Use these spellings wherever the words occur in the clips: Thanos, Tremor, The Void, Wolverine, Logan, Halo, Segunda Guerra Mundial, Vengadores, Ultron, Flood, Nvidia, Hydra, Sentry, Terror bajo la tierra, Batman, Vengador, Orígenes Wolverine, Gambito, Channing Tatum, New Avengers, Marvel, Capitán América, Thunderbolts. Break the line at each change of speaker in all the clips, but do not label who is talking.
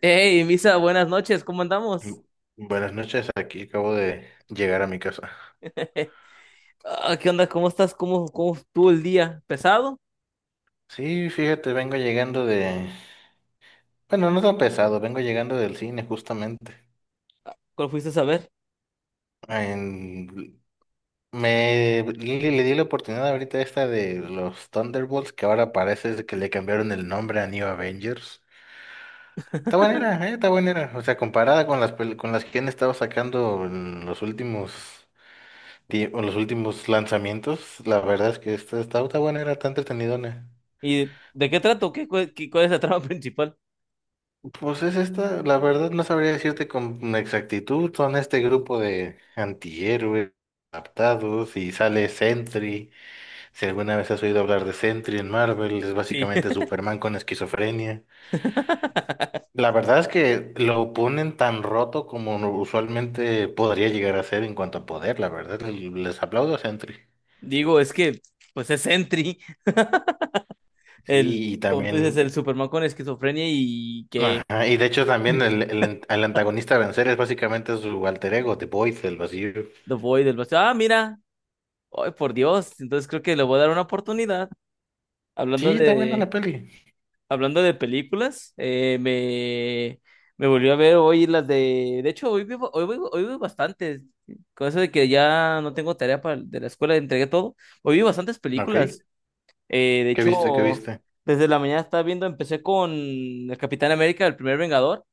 Hey, Misa, buenas noches, ¿cómo andamos?
Bu- Buenas noches, aquí acabo de llegar a mi casa.
Ah, ¿qué onda? ¿Cómo estás? ¿Cómo estuvo el día? ¿Pesado?
Sí, fíjate, vengo llegando de... Bueno, no tan pesado, vengo llegando del cine justamente.
¿Cuál fuiste a ver?
En- le di la oportunidad ahorita esta de los Thunderbolts, que ahora parece que le cambiaron el nombre a New Avengers. Está buena, ¿eh? Está buena. O sea, comparada con con las que han estado sacando en los últimos... en los últimos lanzamientos, la verdad es que esta está buena, era tan entretenidona.
¿Y de qué trato? ¿Cuál es la trama principal?
Pues es esta, la verdad no sabría decirte con exactitud, son este grupo de antihéroes adaptados y sale Sentry, si alguna vez has oído hablar de Sentry en Marvel, es
Sí.
básicamente Superman con esquizofrenia. La verdad es que lo ponen tan roto como usualmente podría llegar a ser en cuanto a poder, la verdad, y les aplaudo a Sentry.
Digo, es que, pues es Sentry, el,
Sí, y
como tú dices, el
también,
Superman con esquizofrenia y que
ajá, y de hecho también el antagonista a vencer es básicamente su alter ego, The Void, el vacío.
lo voy del vacío. Ah, mira, ay, por Dios, entonces creo que le voy a dar una oportunidad. Hablando
Sí, está buena la
de,
peli.
Hablando de películas, me volvió a ver hoy las de... De hecho, hoy vi, hoy vi bastantes. Con eso de que ya no tengo de la escuela, entregué todo. Hoy vi bastantes
Ok.
películas. Eh, de
¿Qué viste? ¿Qué
hecho,
viste?
desde la mañana estaba viendo, empecé con el Capitán América, el primer Vengador,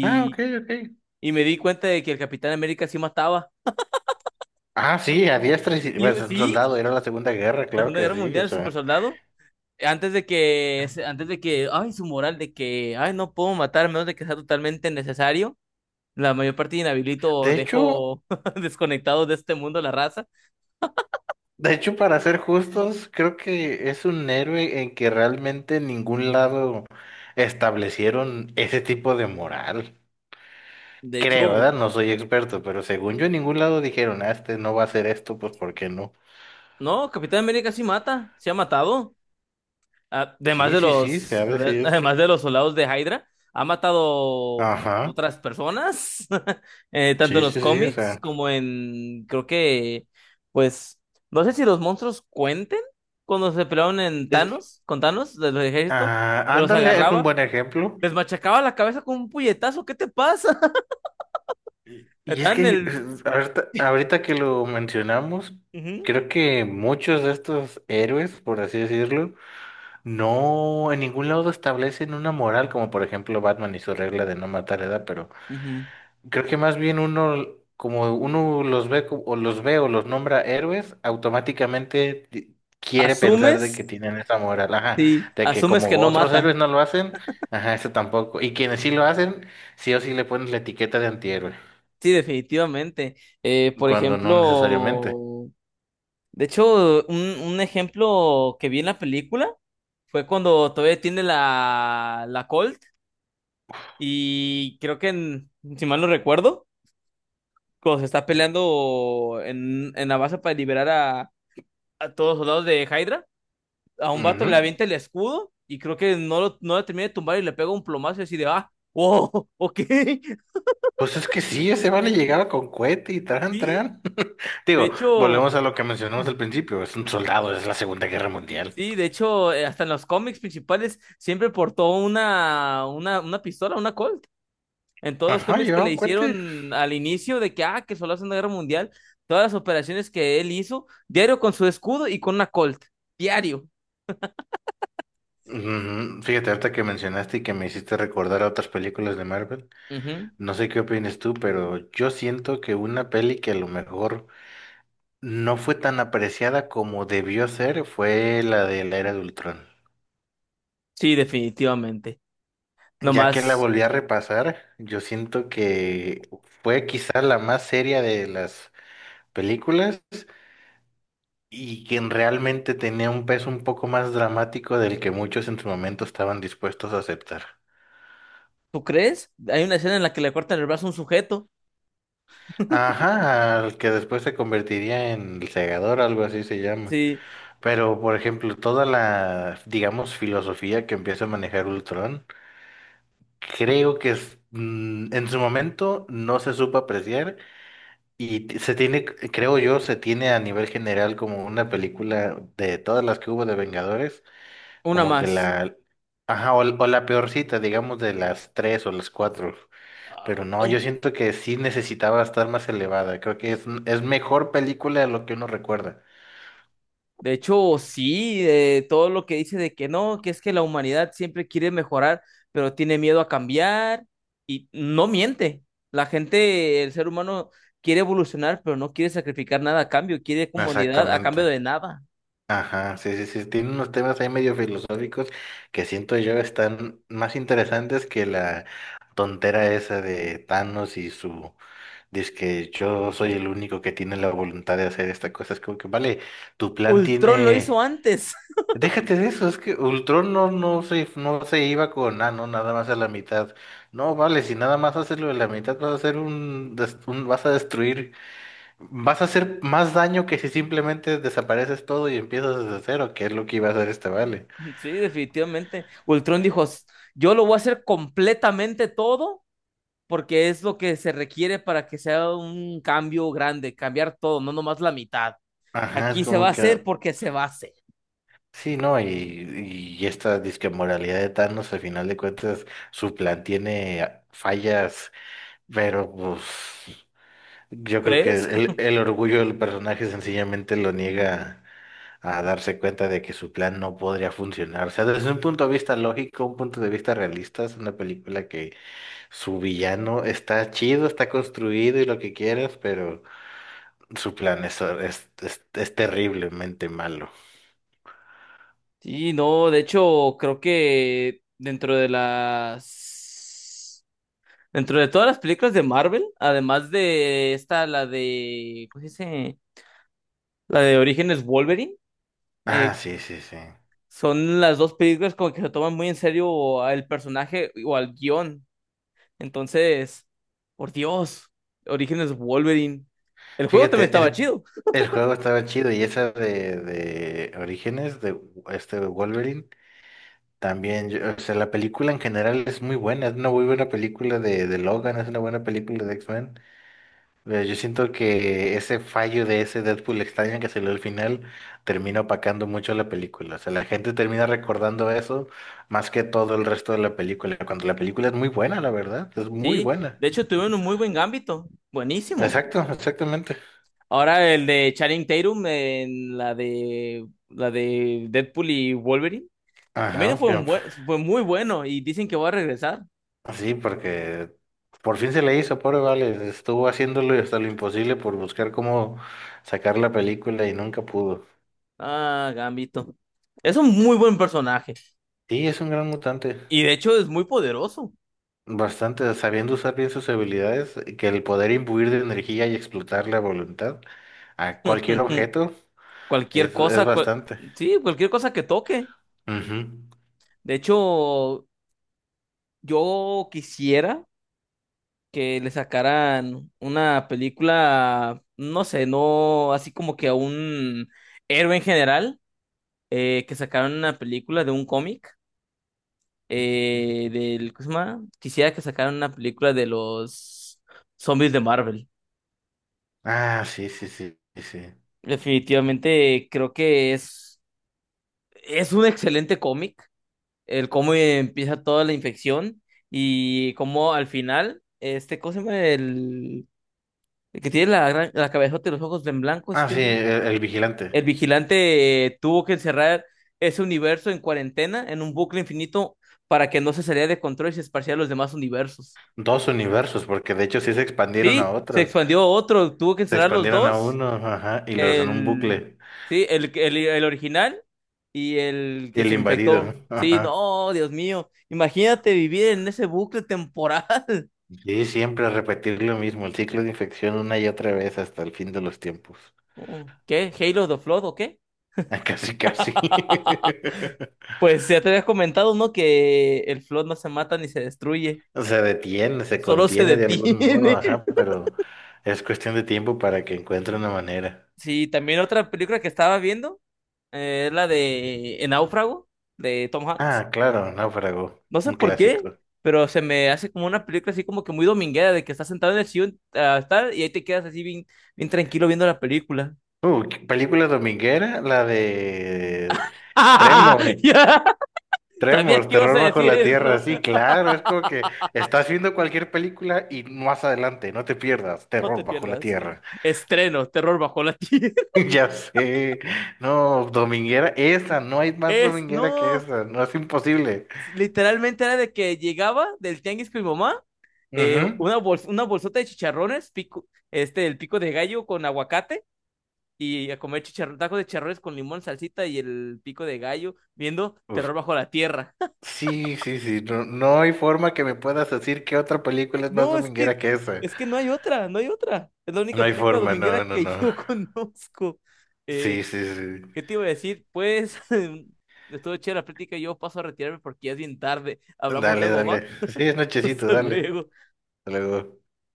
Ah, ok, ok.
y me di cuenta de que el Capitán América sí mataba.
Ah, sí, a diestra y
Sí,
pues, un
sí,
soldado, era la Segunda Guerra,
la
claro
Segunda
que
Guerra
sí,
Mundial,
o
el super
sea.
soldado. Antes de que, ay, su moral de que, ay, no puedo matar a menos de que sea totalmente necesario. La mayor parte de inhabilito
De
os
hecho,
dejo desconectados de este mundo la raza.
de hecho, para ser justos, creo que es un héroe en que realmente en ningún lado establecieron ese tipo de moral.
De
Creo,
hecho,
¿verdad? No soy experto, pero según yo en ningún lado dijeron, ah, este no va a hacer esto, pues ¿por qué no?
no, Capitán América sí mata, sí ha matado. Además
Sí,
de
sí, sí, se
los,
ha
a ver,
decidido.
además de los soldados de Hydra, ha matado
Ajá.
otras personas, tanto en
Sí,
los
sí, sí, o
cómics
sea.
como en, creo que, pues, no sé si los monstruos cuenten cuando se pelearon en
Es que,
Thanos, con Thanos, de los ejércitos,
ah,
yo los
ándale, es un
agarraba,
buen ejemplo.
les machacaba la cabeza con un puñetazo, ¿qué te pasa?
Y es
Estaban en
que
el...
es, ahorita que lo mencionamos,
Ujú.
creo que muchos de estos héroes, por así decirlo, no en ningún lado establecen una moral, como por ejemplo Batman y su regla de no matar edad, pero
Ujú.
creo que más bien uno, como uno los ve o los ve o los nombra héroes, automáticamente quiere pensar de
¿Asumes?
que tienen esa moral, ajá,
Sí,
de que
asumes que
como
no
otros
mata.
héroes no lo hacen, ajá, eso tampoco. Y quienes sí lo hacen, sí o sí le ponen la etiqueta de antihéroe.
Sí, definitivamente. Eh, por
Cuando no necesariamente.
ejemplo, de hecho, un ejemplo que vi en la película fue cuando todavía tiene la Colt y creo que, si mal no recuerdo, cuando se está peleando en la base para liberar a todos los soldados de Hydra, a un vato le
Ujú.
avienta el escudo y creo que no lo termina de tumbar y le pega un plomazo y así de, ah, wow, ok,
Pues es que sí, ese vale llegaba con cohete y tran,
sí.
tran.
De
Digo,
hecho,
volvemos a lo que mencionamos al principio, es un soldado, es la Segunda Guerra Mundial.
sí, de hecho, hasta en los cómics principales siempre portó una pistola, una Colt. En todos los
Ajá,
cómics que le
llevaba cohete.
hicieron al inicio de que, ah, que solo hace una guerra mundial, todas las operaciones que él hizo, diario con su escudo y con una Colt, diario.
Ujú. Fíjate, ahorita que mencionaste y que me hiciste recordar a otras películas de Marvel,
Ujú.
no sé qué opinas tú, pero yo siento que una peli que a lo mejor no fue tan apreciada como debió ser fue la de la Era de Ultrón.
Sí, definitivamente.
Ya que la
Nomás,
volví a repasar, yo siento que fue quizá la más seria de las películas y quien realmente tenía un peso un poco más dramático del que muchos en su momento estaban dispuestos a aceptar.
¿tú crees? Hay una escena en la que le cortan el brazo a un sujeto.
Ajá, al que después se convertiría en el segador, algo así se llama.
Sí,
Pero, por ejemplo, toda la, digamos, filosofía que empieza a manejar Ultron, creo que es, en su momento no se supo apreciar. Y se tiene, creo yo, se tiene a nivel general como una película de todas las que hubo de Vengadores,
una
como que
más.
la, ajá, o la peorcita, digamos, de las tres o las cuatro. Pero no, yo
Ay,
siento que sí necesitaba estar más elevada. Creo que es mejor película de lo que uno recuerda.
de hecho, sí, todo lo que dice de que no, que es que la humanidad siempre quiere mejorar, pero tiene miedo a cambiar y no miente. La gente, el ser humano quiere evolucionar, pero no quiere sacrificar nada a cambio, quiere comunidad a cambio
Exactamente.
de nada.
Ajá, sí, sí, sí. Tiene unos temas ahí medio filosóficos que siento yo están más interesantes que la tontera esa de Thanos y su. Dice que yo soy el único que tiene la voluntad de hacer esta cosa. Es como que, vale, tu plan
Ultron lo hizo
tiene...
antes.
Déjate de eso, es que Ultron no se no se iba con, ah, no, nada más a la mitad. No, vale, si nada más haces lo de la mitad, vas a hacer vas a destruir, vas a hacer más daño que si simplemente desapareces todo y empiezas desde cero, que es lo que iba a hacer este vale.
Sí, definitivamente. Ultron dijo, "S- yo lo voy a hacer completamente todo porque es lo que se requiere para que sea un cambio grande, cambiar todo, no nomás la mitad.
Ajá, es
Aquí se va a
como que,
hacer porque se va a hacer.
sí, no, y esta disque moralidad de Thanos, al final de cuentas, su plan tiene fallas. Pero pues yo creo que
¿Crees?
el, el orgullo del personaje sencillamente lo niega a darse cuenta de que su plan no podría funcionar. O sea, desde un punto de vista lógico, un punto de vista realista, es una película que su villano está chido, está construido y lo que quieras, pero su plan es terriblemente malo.
Sí, no, de hecho, creo que dentro de las... Dentro de todas las películas de Marvel, además de esta, la de... ¿Cómo se dice? La de Orígenes Wolverine,
Ah,
eh,
sí, sí, sí.
son las dos películas como que se toman muy en serio al personaje o al guión. Entonces, por Dios, Orígenes Wolverine. El juego también
Fíjate,
estaba chido,
el juego estaba chido y esa de Orígenes, de este Wolverine. También, o sea, la película en general es muy buena, es una muy buena película de Logan, es una buena película de X-Men. Pero yo siento que ese fallo de ese Deadpool extraño que salió al final termina opacando mucho la película. O sea, la gente termina recordando eso más que todo el resto de la película, cuando la película es muy buena, la verdad, es muy
¿sí?
buena.
De hecho, tuvieron un muy buen ámbito, buenísimo.
Exacto, exactamente.
Ahora el de Channing Tatum en la de Deadpool y Wolverine. También
Ajá,
fue un buen, fue muy bueno y dicen que va a regresar.
sí, porque por fin se le hizo, pobre Vale, estuvo haciéndolo y hasta lo imposible por buscar cómo sacar la película y nunca pudo.
Ah, Gambito. Es un muy buen personaje
Sí, es un gran mutante.
y de hecho es muy poderoso.
Bastante, sabiendo usar bien sus habilidades, que el poder imbuir de energía y explotar la voluntad a cualquier objeto
Cualquier
es
cosa,
bastante.
sí, cualquier cosa que toque.
Ujú.
De hecho, yo quisiera que le sacaran una película, no sé, no así como que a un héroe en general que sacaron una película de un cómic, ¿cómo se llama? Quisiera que sacaran una película de los zombies de Marvel.
Ah, sí, sí, sí, sí. Sí.
Definitivamente creo que es un excelente cómic, el cómo empieza toda la infección y cómo al final, este, ¿cómo se llama? El que tiene la cabezota y los ojos en blanco,
Ah, sí,
este.
el
El
vigilante.
vigilante tuvo que encerrar ese universo en cuarentena, en un bucle infinito, para que no se saliera de control y se esparciera a los demás universos.
Dos universos, porque de hecho sí se expandieron a
Sí, se
otro.
expandió a otro, tuvo que
Se
encerrar los
expandieron a
dos,
uno, ajá, y los en un
el,
bucle.
sí, el original y el
Y
que
el
se
invadido,
infectó. Sí,
ajá.
no, Dios mío, imagínate vivir en ese bucle temporal.
Sí, siempre repetir lo mismo, el ciclo de infección una y otra vez hasta el fin de los tiempos.
Mm, ¿qué? ¿Halo the Flood o qué?
Casi, casi.
Pues ya te había comentado, ¿no? Que el Flood no se mata ni se destruye.
Se detiene, se
Solo se
contiene de algún modo,
detiene.
ajá, pero es cuestión de tiempo para que encuentre una manera.
Sí, también otra película que estaba viendo es la de El Náufrago de Tom Hanks.
Ah, claro, Náufrago,
No sé
un
por qué,
clásico.
pero se me hace como una película así como que muy dominguera de que estás sentado en el sillón ah, tal, y ahí te quedas así bien tranquilo viendo la película.
¿Qué película dominguera, la de Tremor,
Ya, sabía
Tremor,
que ibas
Terror
a
bajo
decir
la tierra,
eso.
sí, claro, es como que estás viendo cualquier película y más adelante, no te pierdas,
No te
Terror bajo la
pierdas.
tierra.
Estreno, terror bajo la tierra.
Ya sé, no, dominguera, esa, no hay más
Es,
dominguera que
no,
esa, no es imposible.
literalmente era de que llegaba del tianguis con mi mamá
Ujú.
una bolsota de chicharrones, pico, este, el pico de gallo con aguacate y a comer chicharr tacos de chicharrones con limón, salsita y el pico de gallo viendo
Uf,
Terror bajo la tierra.
sí, sí, sí. No, no hay forma que me puedas decir que otra película es más
No,
dominguera que esa.
es que no hay otra, no hay otra. Es la
No
única
hay
película
forma,
dominguera
no, no,
que
no.
yo conozco. Eh,
Sí, sí, sí.
¿Qué te iba a decir? Pues estuvo chévere la plática y yo paso a retirarme porque ya es bien tarde. Hablamos
Dale,
luego, ¿va?
dale. Sí, es nochecito,
Hasta
dale.
luego.
Hasta luego.